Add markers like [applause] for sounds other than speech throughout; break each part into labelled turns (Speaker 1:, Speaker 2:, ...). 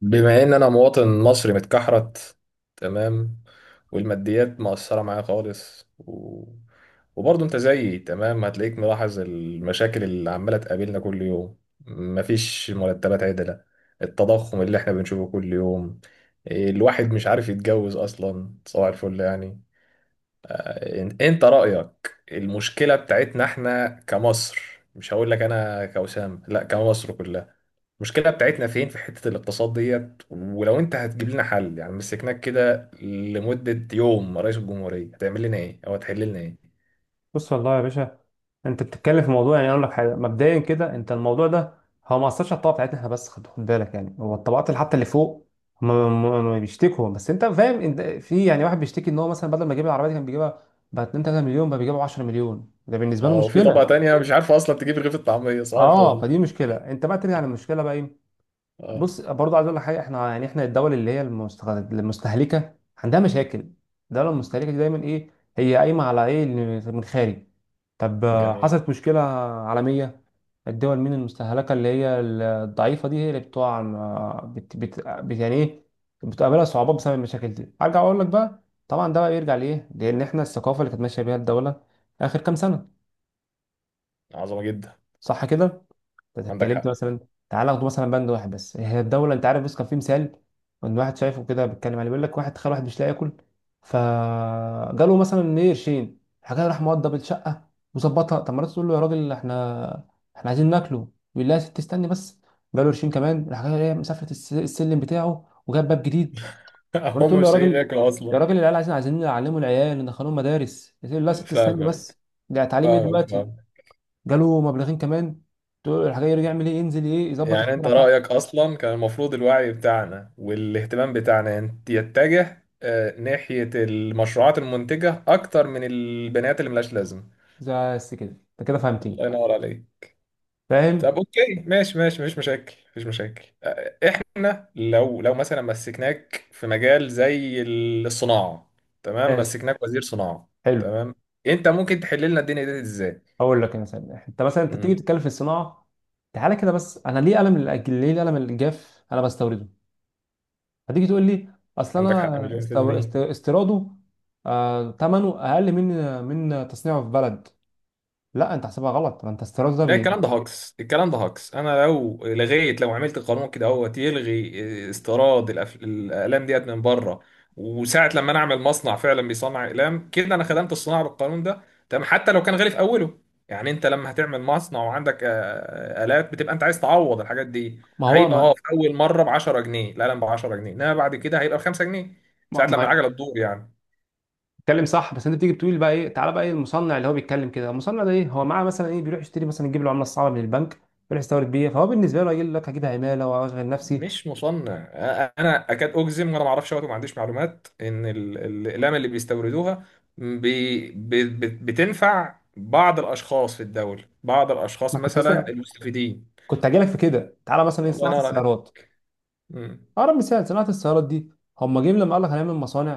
Speaker 1: بما ان انا مواطن مصري متكحرت. تمام. والماديات مؤثرة معايا خالص وبرضه انت زيي، تمام، هتلاقيك ملاحظ المشاكل اللي عمالة تقابلنا كل يوم. مفيش مرتبات عدلة، التضخم اللي احنا بنشوفه كل يوم. إيه، الواحد مش عارف يتجوز اصلا، صباح الفل يعني. انت رأيك، المشكلة بتاعتنا احنا كمصر، مش هقول لك انا كوسام، لا كمصر كلها، المشكلة بتاعتنا فين في حتة الاقتصاد ديت؟ ولو انت هتجيب لنا حل، يعني مسكناك كده لمدة يوم رئيس الجمهورية، هتعمل لنا ايه او هتحل لنا ايه؟
Speaker 2: بص والله يا باشا، انت بتتكلم في موضوع. يعني اقول لك حاجه مبدئيا كده، انت الموضوع ده هو ما اثرش على الطبقه بتاعتنا احنا، بس خد بالك. يعني هو الطبقات اللي حتى اللي فوق، هم هم بيشتكوا. بس انت فاهم، انت في يعني واحد بيشتكي ان هو مثلا بدل ما يجيب العربيه دي كان بيجيبها ب 2 3 مليون، بقى بيجيبها 10 مليون، ده بالنسبه له
Speaker 1: اه، وفي طبقة
Speaker 2: مشكله.
Speaker 1: تانية مش عارفة اصلا تجيب رغيف الطعمية، صباح
Speaker 2: اه،
Speaker 1: الفل.
Speaker 2: فدي مشكله. انت بقى ترجع للمشكله بقى ايه؟
Speaker 1: اه.
Speaker 2: بص برضه عايز اقول لك حاجه، احنا يعني احنا الدول اللي هي المستهلكه عندها مشاكل. الدوله المستهلكه دي دايما ايه؟ هي قايمه على ايه؟ اللي من الخارج. طب
Speaker 1: جميل.
Speaker 2: حصلت مشكله عالميه. الدول مين المستهلكه اللي هي الضعيفه دي، هي اللي بتقع يعني ايه، بتقابلها صعوبات بسبب المشاكل دي. ارجع اقول لك بقى، طبعا ده بقى بيرجع لايه، لان احنا الثقافه اللي كانت ماشيه بيها الدوله اخر كام سنه.
Speaker 1: عظمة جدا.
Speaker 2: صح كده؟ انت
Speaker 1: عندك
Speaker 2: اتكلمت
Speaker 1: حق.
Speaker 2: مثلا. تعال اخد مثلا بند واحد بس، هي الدوله انت عارف، بص كان في مثال ان واحد شايفه كده بيتكلم عليه، بيقول لك واحد، تخيل واحد مش لاقي ياكل، فجاله مثلا ايه قرشين، راح جاي راح موضب الشقه وظبطها. طب مرات تقول له يا راجل احنا عايزين ناكله. يقول لها يا ست استني بس. جاله قرشين كمان، راح جاي ايه، مسافره السلم بتاعه وجاب باب جديد.
Speaker 1: [laughs]
Speaker 2: مرات
Speaker 1: هم
Speaker 2: تقول له يا
Speaker 1: مش لاقيين
Speaker 2: راجل،
Speaker 1: ياكلوا
Speaker 2: يا
Speaker 1: اصلا.
Speaker 2: راجل العيال عايزين عايزين نعلموا العيال، ندخلهم مدارس. يقول لها يا ست استني
Speaker 1: فاهمك،
Speaker 2: بس. ده تعليم ايه
Speaker 1: فاهمك،
Speaker 2: دلوقتي؟
Speaker 1: فاهمك.
Speaker 2: جاله مبلغين كمان، تقول له راح جاي رجع يعمل ايه، ينزل ايه، يظبط
Speaker 1: يعني انت
Speaker 2: الشارع تحت.
Speaker 1: رأيك اصلا كان المفروض الوعي بتاعنا والاهتمام بتاعنا يتجه ناحية المشروعات المنتجة اكتر من البنات اللي ملهاش لازمة.
Speaker 2: زي بس كده، انت كده فهمتني.
Speaker 1: الله ينور عليك.
Speaker 2: فاهم.
Speaker 1: طب اوكي، ماشي ماشي، مفيش مشاكل مفيش مشاكل. احنا لو مثلا مسكناك في مجال زي الصناعه، تمام،
Speaker 2: ماشي،
Speaker 1: مسكناك وزير صناعه.
Speaker 2: حلو.
Speaker 1: تمام. انت ممكن تحل لنا الدنيا دي ازاي؟
Speaker 2: هقول لك مثلا، انت مثلا انت تيجي
Speaker 1: مم.
Speaker 2: تتكلم في الصناعه. تعالى كده بس، انا ليه قلم ليه القلم الجاف انا بستورده؟ هتيجي تقول لي اصل
Speaker 1: عندك حق،
Speaker 2: انا
Speaker 1: مليون في المية.
Speaker 2: استيراده. ثمنه اقل من تصنيعه في بلد. لا انت حسبها غلط، ما انت استيراده ده
Speaker 1: ده الكلام ده هاكس، الكلام ده هاكس. انا لو لغيت، لو عملت قانون كده اهوت يلغي استيراد الاقلام ديت من بره، وساعه لما انا اعمل مصنع فعلا بيصنع اقلام كده، انا خدمت الصناعه بالقانون ده. تمام، حتى لو كان غالي في اوله. يعني انت لما هتعمل مصنع وعندك الات، بتبقى انت عايز تعوض الحاجات دي.
Speaker 2: ما هو
Speaker 1: هيبقى اه
Speaker 2: ما...
Speaker 1: في اول مره ب 10 جنيه، القلم ب 10 جنيه، انما بعد كده هيبقى ب 5 جنيه ساعه لما
Speaker 2: ما...
Speaker 1: العجله تدور يعني.
Speaker 2: بتتكلم صح، بس انت بتيجي بتقول بقى ايه، تعالى بقى ايه المصنع اللي هو بيتكلم كده؟ المصنع ده ايه هو معاه مثلا ايه، بيروح يشتري مثلا، يجيب له عمله صعبه من البنك، يروح يستورد بيها، فهو بالنسبه له يقول لك هجيب عماله واشغل نفسي.
Speaker 1: مش مصنع، انا اكاد اجزم، وانا ما اعرفش وقت وما عنديش معلومات، ان الاقلام اللي بيستوردوها بي بي بتنفع بعض الاشخاص في الدوله، بعض
Speaker 2: ما
Speaker 1: الاشخاص
Speaker 2: كنت
Speaker 1: مثلا
Speaker 2: لسه،
Speaker 1: المستفيدين.
Speaker 2: كنت هجي لك في كده، تعالى مثلا ايه
Speaker 1: الله
Speaker 2: صناعه
Speaker 1: ينور عليك.
Speaker 2: السيارات.
Speaker 1: مم.
Speaker 2: اقرب مثال صناعه السيارات دي. هم جايين لما قال لك هنعمل مصانع،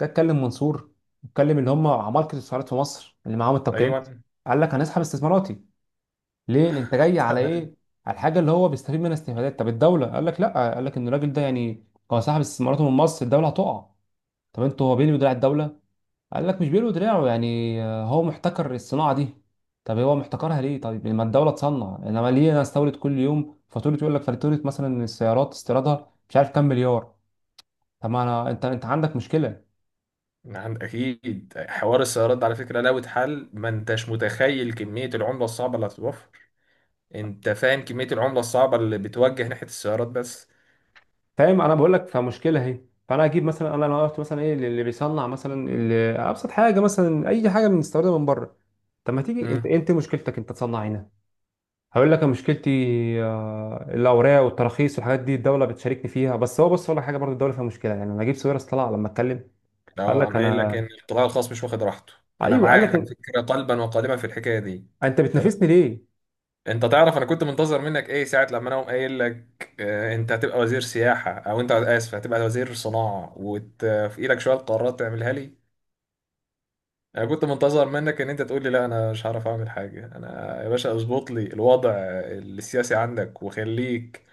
Speaker 2: جه اتكلم منصور، اتكلم اللي هم عمالقه السيارات في مصر اللي معاهم التوكيلات،
Speaker 1: ايوه.
Speaker 2: قال لك هنسحب استثماراتي. ليه؟ لأن انت جاي على
Speaker 1: تمام.
Speaker 2: ايه، على الحاجه اللي هو بيستفيد منها استفادات. طب الدوله قال لك لا، قال لك ان الراجل ده يعني هو سحب استثماراته من مصر الدوله هتقع. طب انتوا، هو بيلوي دراع الدولة؟ قال لك مش بيلوي دراعه، يعني هو محتكر الصناعة دي. طب هو محتكرها ليه؟ طيب لما الدولة تصنع، انما ليه انا استورد؟ كل يوم فاتورة، يقول لك فاتورة مثلا السيارات استيرادها مش عارف كام مليار. طب ما انا، انت عندك مشكلة.
Speaker 1: عند اكيد، حوار السيارات ده على فكره لو اتحل ما انتش متخيل كميه العمله الصعبه اللي هتتوفر. انت فاهم كميه العمله الصعبه اللي بتوجه ناحيه السيارات بس؟
Speaker 2: فاهم، انا بقول لك فمشكلة اهي. فانا اجيب مثلا، انا لو قلت مثلا ايه اللي بيصنع مثلا اللي ابسط حاجة مثلا اي حاجة بنستوردها من بره. طب ما تيجي انت، انت مشكلتك انت تصنع هنا. هقول لك أنا مشكلتي الاوراق والتراخيص والحاجات دي الدوله بتشاركني فيها. بس هو بص اقول لك حاجه برضه، الدوله فيها مشكله يعني، نجيب ساويرس طلع لما اتكلم قال
Speaker 1: اه،
Speaker 2: لك
Speaker 1: انا قايل لك
Speaker 2: انا،
Speaker 1: ان القطاع الخاص مش واخد راحته. انا
Speaker 2: ايوه قال
Speaker 1: معاك على
Speaker 2: لك:
Speaker 1: فكره قلبا وقالبا في الحكايه دي.
Speaker 2: انت
Speaker 1: تمام.
Speaker 2: بتنافسني ليه؟
Speaker 1: انت تعرف انا كنت منتظر منك ايه ساعه لما انا أقوم قايل لك انت هتبقى وزير سياحه، او انت، اسف، هتبقى وزير صناعه، وفي ايدك شويه قرارات تعملها لي؟ انا كنت منتظر منك ان انت تقول لي، لا انا مش هعرف اعمل حاجه، انا يا باشا اظبط لي الوضع السياسي عندك وخليك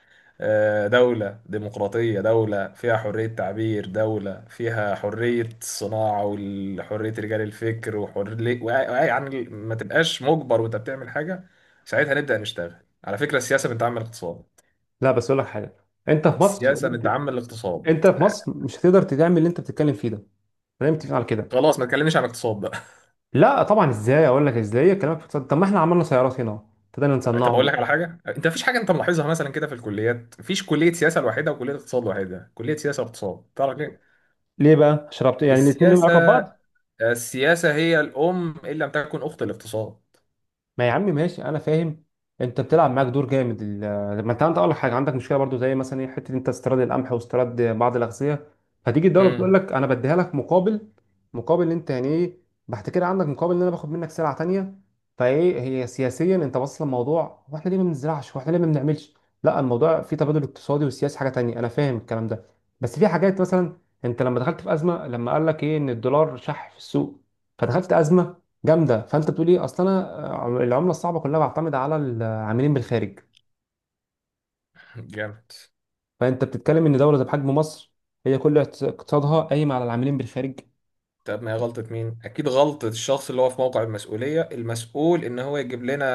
Speaker 1: دولة ديمقراطية، دولة فيها حرية تعبير، دولة فيها حرية الصناعة وحرية رجال الفكر وحرية، يعني ما تبقاش مجبر وانت بتعمل حاجة. ساعتها نبدأ نشتغل. على فكرة السياسة بنتعمل اقتصاد،
Speaker 2: لا بس اقول لك حاجه، انت في مصر،
Speaker 1: السياسة بنتعمل اقتصاد.
Speaker 2: انت في
Speaker 1: آه،
Speaker 2: مصر مش هتقدر تعمل اللي انت بتتكلم فيه ده. خلينا متفقين على كده.
Speaker 1: خلاص، ما تكلمنيش عن اقتصاد.
Speaker 2: لا طبعا، ازاي اقول لك ازاي كلامك اقتصاد. طب ما احنا عملنا سيارات هنا ابتدينا
Speaker 1: طب اقول
Speaker 2: نصنعه.
Speaker 1: لك على حاجه، انت مفيش حاجه انت ملاحظها مثلا كده؟ في الكليات مفيش كليه سياسه لوحدها وكليه اقتصاد لوحدها، كليه سياسه واقتصاد، تعرف ليه؟
Speaker 2: ليه بقى؟ شربت يعني، الاثنين لهم
Speaker 1: السياسه،
Speaker 2: علاقه ببعض.
Speaker 1: السياسه هي الام ان لم تكن اخت الاقتصاد.
Speaker 2: ما يا عم ماشي انا فاهم. انت بتلعب معاك دور جامد، ما انت اقول لك حاجه، عندك مشكله برضو زي مثلا ايه، حته انت استيراد القمح واستيراد بعض الاغذيه، فتيجي الدوله بتقول
Speaker 1: امم
Speaker 2: لك انا بديها لك مقابل إن انت يعني ايه، بعد كده عندك مقابل ان انا باخد منك سلعه تانيه. فايه هي سياسيا، انت واصل الموضوع، واحنا ليه ما بنزرعش، واحنا ليه ما بنعملش. لا، الموضوع فيه تبادل اقتصادي وسياسي حاجه تانيه، انا فاهم الكلام ده. بس في حاجات مثلا، انت لما دخلت في ازمه، لما قال لك ايه ان الدولار شح في السوق فدخلت ازمه جامده، فانت بتقول ايه، اصل انا العمله الصعبه كلها بعتمد على العاملين بالخارج.
Speaker 1: جامد.
Speaker 2: فانت بتتكلم ان دوله زي بحجم مصر هي كل اقتصادها قايم على العاملين بالخارج.
Speaker 1: طب ما هي غلطه مين؟ اكيد غلطه الشخص اللي هو في موقع المسؤوليه، المسؤول ان هو يجيب لنا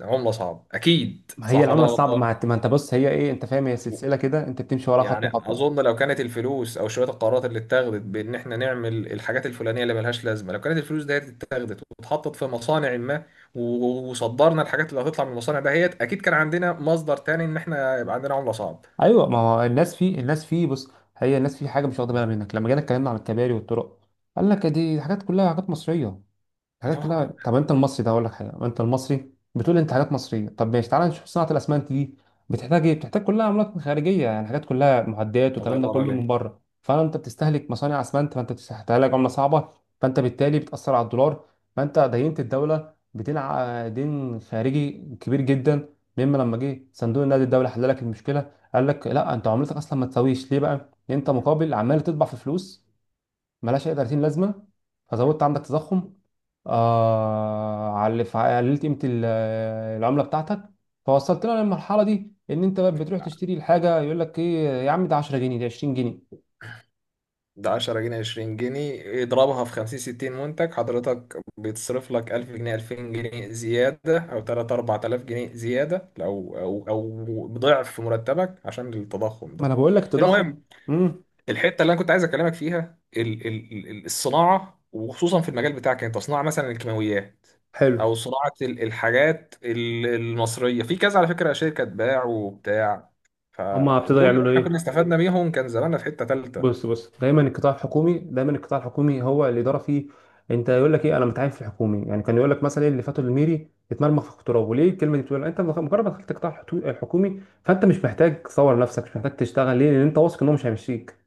Speaker 1: عمله صعبه، اكيد،
Speaker 2: ما هي
Speaker 1: صح ولا
Speaker 2: العمله
Speaker 1: أنا
Speaker 2: الصعبه
Speaker 1: غلطان؟
Speaker 2: ما ما انت بص، هي ايه انت فاهم، هي سلسله كده انت بتمشي وراها خطوه
Speaker 1: يعني
Speaker 2: خطوه.
Speaker 1: اظن لو كانت الفلوس او شويه القرارات اللي اتخذت بان احنا نعمل الحاجات الفلانيه اللي ملهاش لازمه، لو كانت الفلوس ديت اتخذت واتحطت في مصانع ما، وصدرنا الحاجات اللي هتطلع من المصانع دهيت، اكيد كان عندنا مصدر تاني ان احنا يبقى عندنا عمله صعب.
Speaker 2: ايوه، ما هو الناس في بص، هي الناس في حاجه مش واخده بالها منك، لما جينا اتكلمنا عن الكباري والطرق قال لك دي حاجات كلها حاجات مصريه، حاجات كلها.
Speaker 1: اه،
Speaker 2: طب انت المصري ده، اقول لك حاجه، انت المصري بتقول انت حاجات مصريه، طب ماشي تعالى نشوف صناعه الاسمنت دي. بتحتاج ايه؟ بتحتاج كلها عملات خارجيه، يعني حاجات كلها معدات
Speaker 1: الله
Speaker 2: والكلام ده
Speaker 1: ينور
Speaker 2: كله من
Speaker 1: عليك.
Speaker 2: بره، فانت بتستهلك مصانع اسمنت، فانت بتستهلك عمله صعبه، فانت بالتالي بتاثر على الدولار، فانت دينت الدوله بدين دين خارجي كبير جدا، مما لما جه صندوق النقد الدولي حل لك المشكله قال لك لا، انت عملتك اصلا ما تساويش، ليه بقى، انت مقابل عمال تطبع في فلوس ملهاش اي 30 لازمه، فزودت عندك تضخم على قللت قيمه العمله بتاعتك، فوصلت لنا للمرحله دي، ان انت بقى بتروح تشتري الحاجه يقول لك ايه يا عم ده 10 جنيه، ده 20 جنيه.
Speaker 1: ده 10 جنيه 20 جنيه اضربها في 50 60 منتج، حضرتك بيتصرف لك 1000 جنيه 2000 جنيه زياده، او 3 4000 جنيه زياده، او ضعف في مرتبك عشان التضخم
Speaker 2: ما
Speaker 1: ده.
Speaker 2: انا بقول لك
Speaker 1: المهم،
Speaker 2: التضخم. امم
Speaker 1: الحته اللي انا كنت عايز اكلمك فيها الصناعه، وخصوصا في المجال بتاعك انت، صناعه مثلا الكيماويات،
Speaker 2: حلو.
Speaker 1: او صناعه الحاجات المصريه في كذا. على فكره، شركه باع وبتاع،
Speaker 2: هما ابتدوا
Speaker 1: فدول لو
Speaker 2: يعملوا
Speaker 1: احنا كنا
Speaker 2: ايه؟
Speaker 1: استفدنا بيهم كان زماننا في حته ثالثه.
Speaker 2: بص، بص دايما القطاع الحكومي، دايما القطاع الحكومي هو الاداره فيه، انت يقول لك ايه انا متعين في الحكومي يعني، كان يقول لك مثلا إيه اللي فاتوا الميري اتمرمغ في التراب، وليه الكلمه دي بتقول انت مجرد ما دخلت القطاع الحكومي فانت مش محتاج تصور نفسك، مش محتاج تشتغل. ليه؟ لان انت واثق ان هو مش هيمشيك.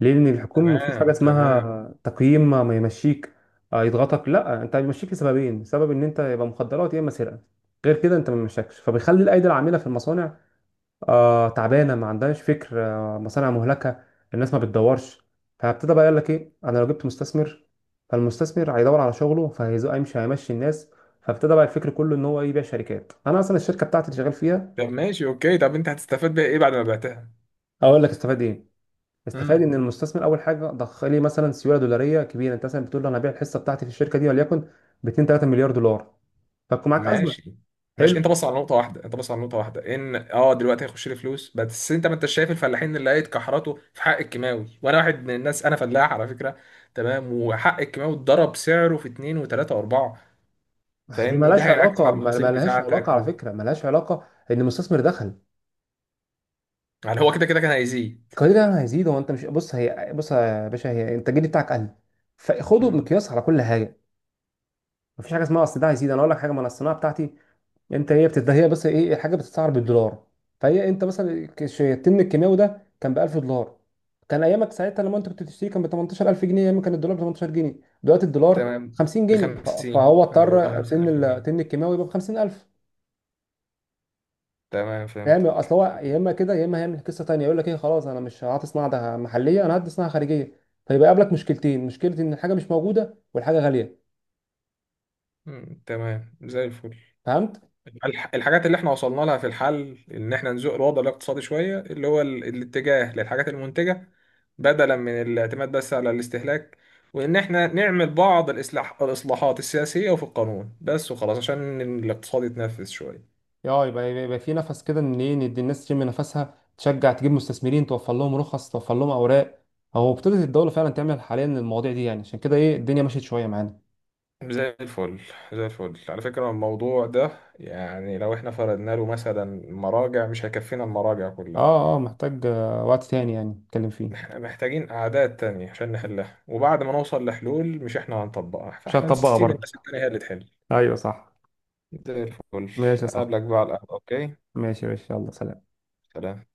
Speaker 2: ليه؟ لان الحكومه ما فيهوش
Speaker 1: تمام
Speaker 2: حاجه اسمها
Speaker 1: تمام.
Speaker 2: تقييم، ما يمشيك يضغطك، لا، انت بيمشيك لسببين: سبب ان انت يبقى مخدرات يا اما سرقه، غير كده انت ما بيمشكش، فبيخلي الايدي العامله في المصانع تعبانه، ما عندهاش فكر، مصانع مهلكه، الناس ما بتدورش. فابتدى بقى يقول لك ايه، انا لو جبت مستثمر فالمستثمر هيدور على شغله، فهيمشي هيمشي الناس. فابتدى بقى الفكر كله ان هو إيه؟ يبيع شركات، انا اصلا الشركه بتاعتي اللي شغال فيها.
Speaker 1: طب ماشي اوكي، طب انت هتستفاد بيها ايه بعد ما بعتها؟
Speaker 2: اقول لك استفاد ايه؟ استفاد
Speaker 1: امم.
Speaker 2: ان المستثمر اول حاجه ضخ لي مثلا سيوله دولاريه كبيره، انت مثلا بتقول له انا هبيع الحصه بتاعتي في الشركه دي وليكن ب 2 3 مليار دولار، فتكون معاك ازمه.
Speaker 1: ماشي ماشي، انت
Speaker 2: حلو.
Speaker 1: بص على نقطة واحدة، انت بص على نقطة واحدة، ان اه دلوقتي هيخش لي فلوس، بس انت ما انتش شايف الفلاحين اللي لقيت كحرته في حق الكيماوي؟ وانا واحد من الناس، انا فلاح على فكرة. تمام. وحق الكيماوي اتضرب سعره في اتنين وتلاتة واربعة.
Speaker 2: ما هي دي
Speaker 1: فاهمني، ده
Speaker 2: مالهاش
Speaker 1: هينعكس على
Speaker 2: علاقه، ما
Speaker 1: المحاصيل
Speaker 2: ما لهاش
Speaker 1: بتاعتك
Speaker 2: علاقه على فكره، ما لهاش علاقه ان المستثمر دخل.
Speaker 1: يعني هو كده كده كان هيزيد.
Speaker 2: القليل ده هيزيد هو، انت مش بص، هي بص يا باشا، هي انت الجديد بتاعك قل، فخده
Speaker 1: مم.
Speaker 2: مقياس على كل حاجه. مفيش حاجه اسمها اصل ده هيزيد، انا اقول لك حاجه ما انا الصناعه بتاعتي، انت هي هي بس ايه، الحاجه بتتسعر بالدولار، فهي انت مثلا التمن الكيماوي ده كان ب 1000 دولار، كان ايامك ساعتها لما انت كنت بتشتري كان ب 18000 جنيه، ايام كان الدولار ب 18 جنيه، دلوقتي الدولار
Speaker 1: تمام،
Speaker 2: 50 جنيه،
Speaker 1: بخمسين،
Speaker 2: فهو
Speaker 1: انا بقى
Speaker 2: اضطر تمن
Speaker 1: 50.
Speaker 2: تمن الكيماوي يبقى ب 50000.
Speaker 1: تمام،
Speaker 2: فاهم، اصل
Speaker 1: فهمتك.
Speaker 2: هو يا اما كده يا اما هيعمل قصه تانيه، يقول لك ايه خلاص، انا مش هعطي صناعه ده محليه، انا هدي صناعه خارجيه، فيبقى يقابلك مشكلتين، مشكله ان الحاجه مش موجوده والحاجه غاليه.
Speaker 1: تمام زي الفل.
Speaker 2: فهمت.
Speaker 1: الحاجات اللي احنا وصلنا لها في الحل ان احنا نزق الوضع الاقتصادي شوية، اللي هو الاتجاه للحاجات المنتجة بدلا من الاعتماد بس على الاستهلاك، وان احنا نعمل بعض الاصلاحات السياسية وفي القانون بس، وخلاص عشان الاقتصاد يتنفذ شوية.
Speaker 2: اه، يبقى في نفس كده ان ايه، ندي الناس تشم نفسها، تشجع تجيب مستثمرين، توفر لهم رخص، توفر لهم اوراق. هو ابتدت الدوله فعلا تعمل حاليا المواضيع دي، يعني عشان كده ايه الدنيا مشيت شويه معانا.
Speaker 1: زي الفل، زي الفل. على فكرة الموضوع ده، يعني لو احنا فرضنا له مثلا مراجع، مش هيكفينا المراجع كلها.
Speaker 2: اه، اه، محتاج وقت تاني يعني نتكلم فيه.
Speaker 1: احنا محتاجين قعدات تانية عشان نحلها، وبعد ما نوصل لحلول مش احنا هنطبقها،
Speaker 2: مش
Speaker 1: فاحنا
Speaker 2: هتطبقها
Speaker 1: نسيب
Speaker 2: برضه.
Speaker 1: الناس التانية هي اللي تحل.
Speaker 2: ايوه، صح.
Speaker 1: زي الفل.
Speaker 2: ماشي، صح.
Speaker 1: أقابلك بقى على القهوة، أوكي.
Speaker 2: ماشي، ماشي، يلا، سلام.
Speaker 1: سلام.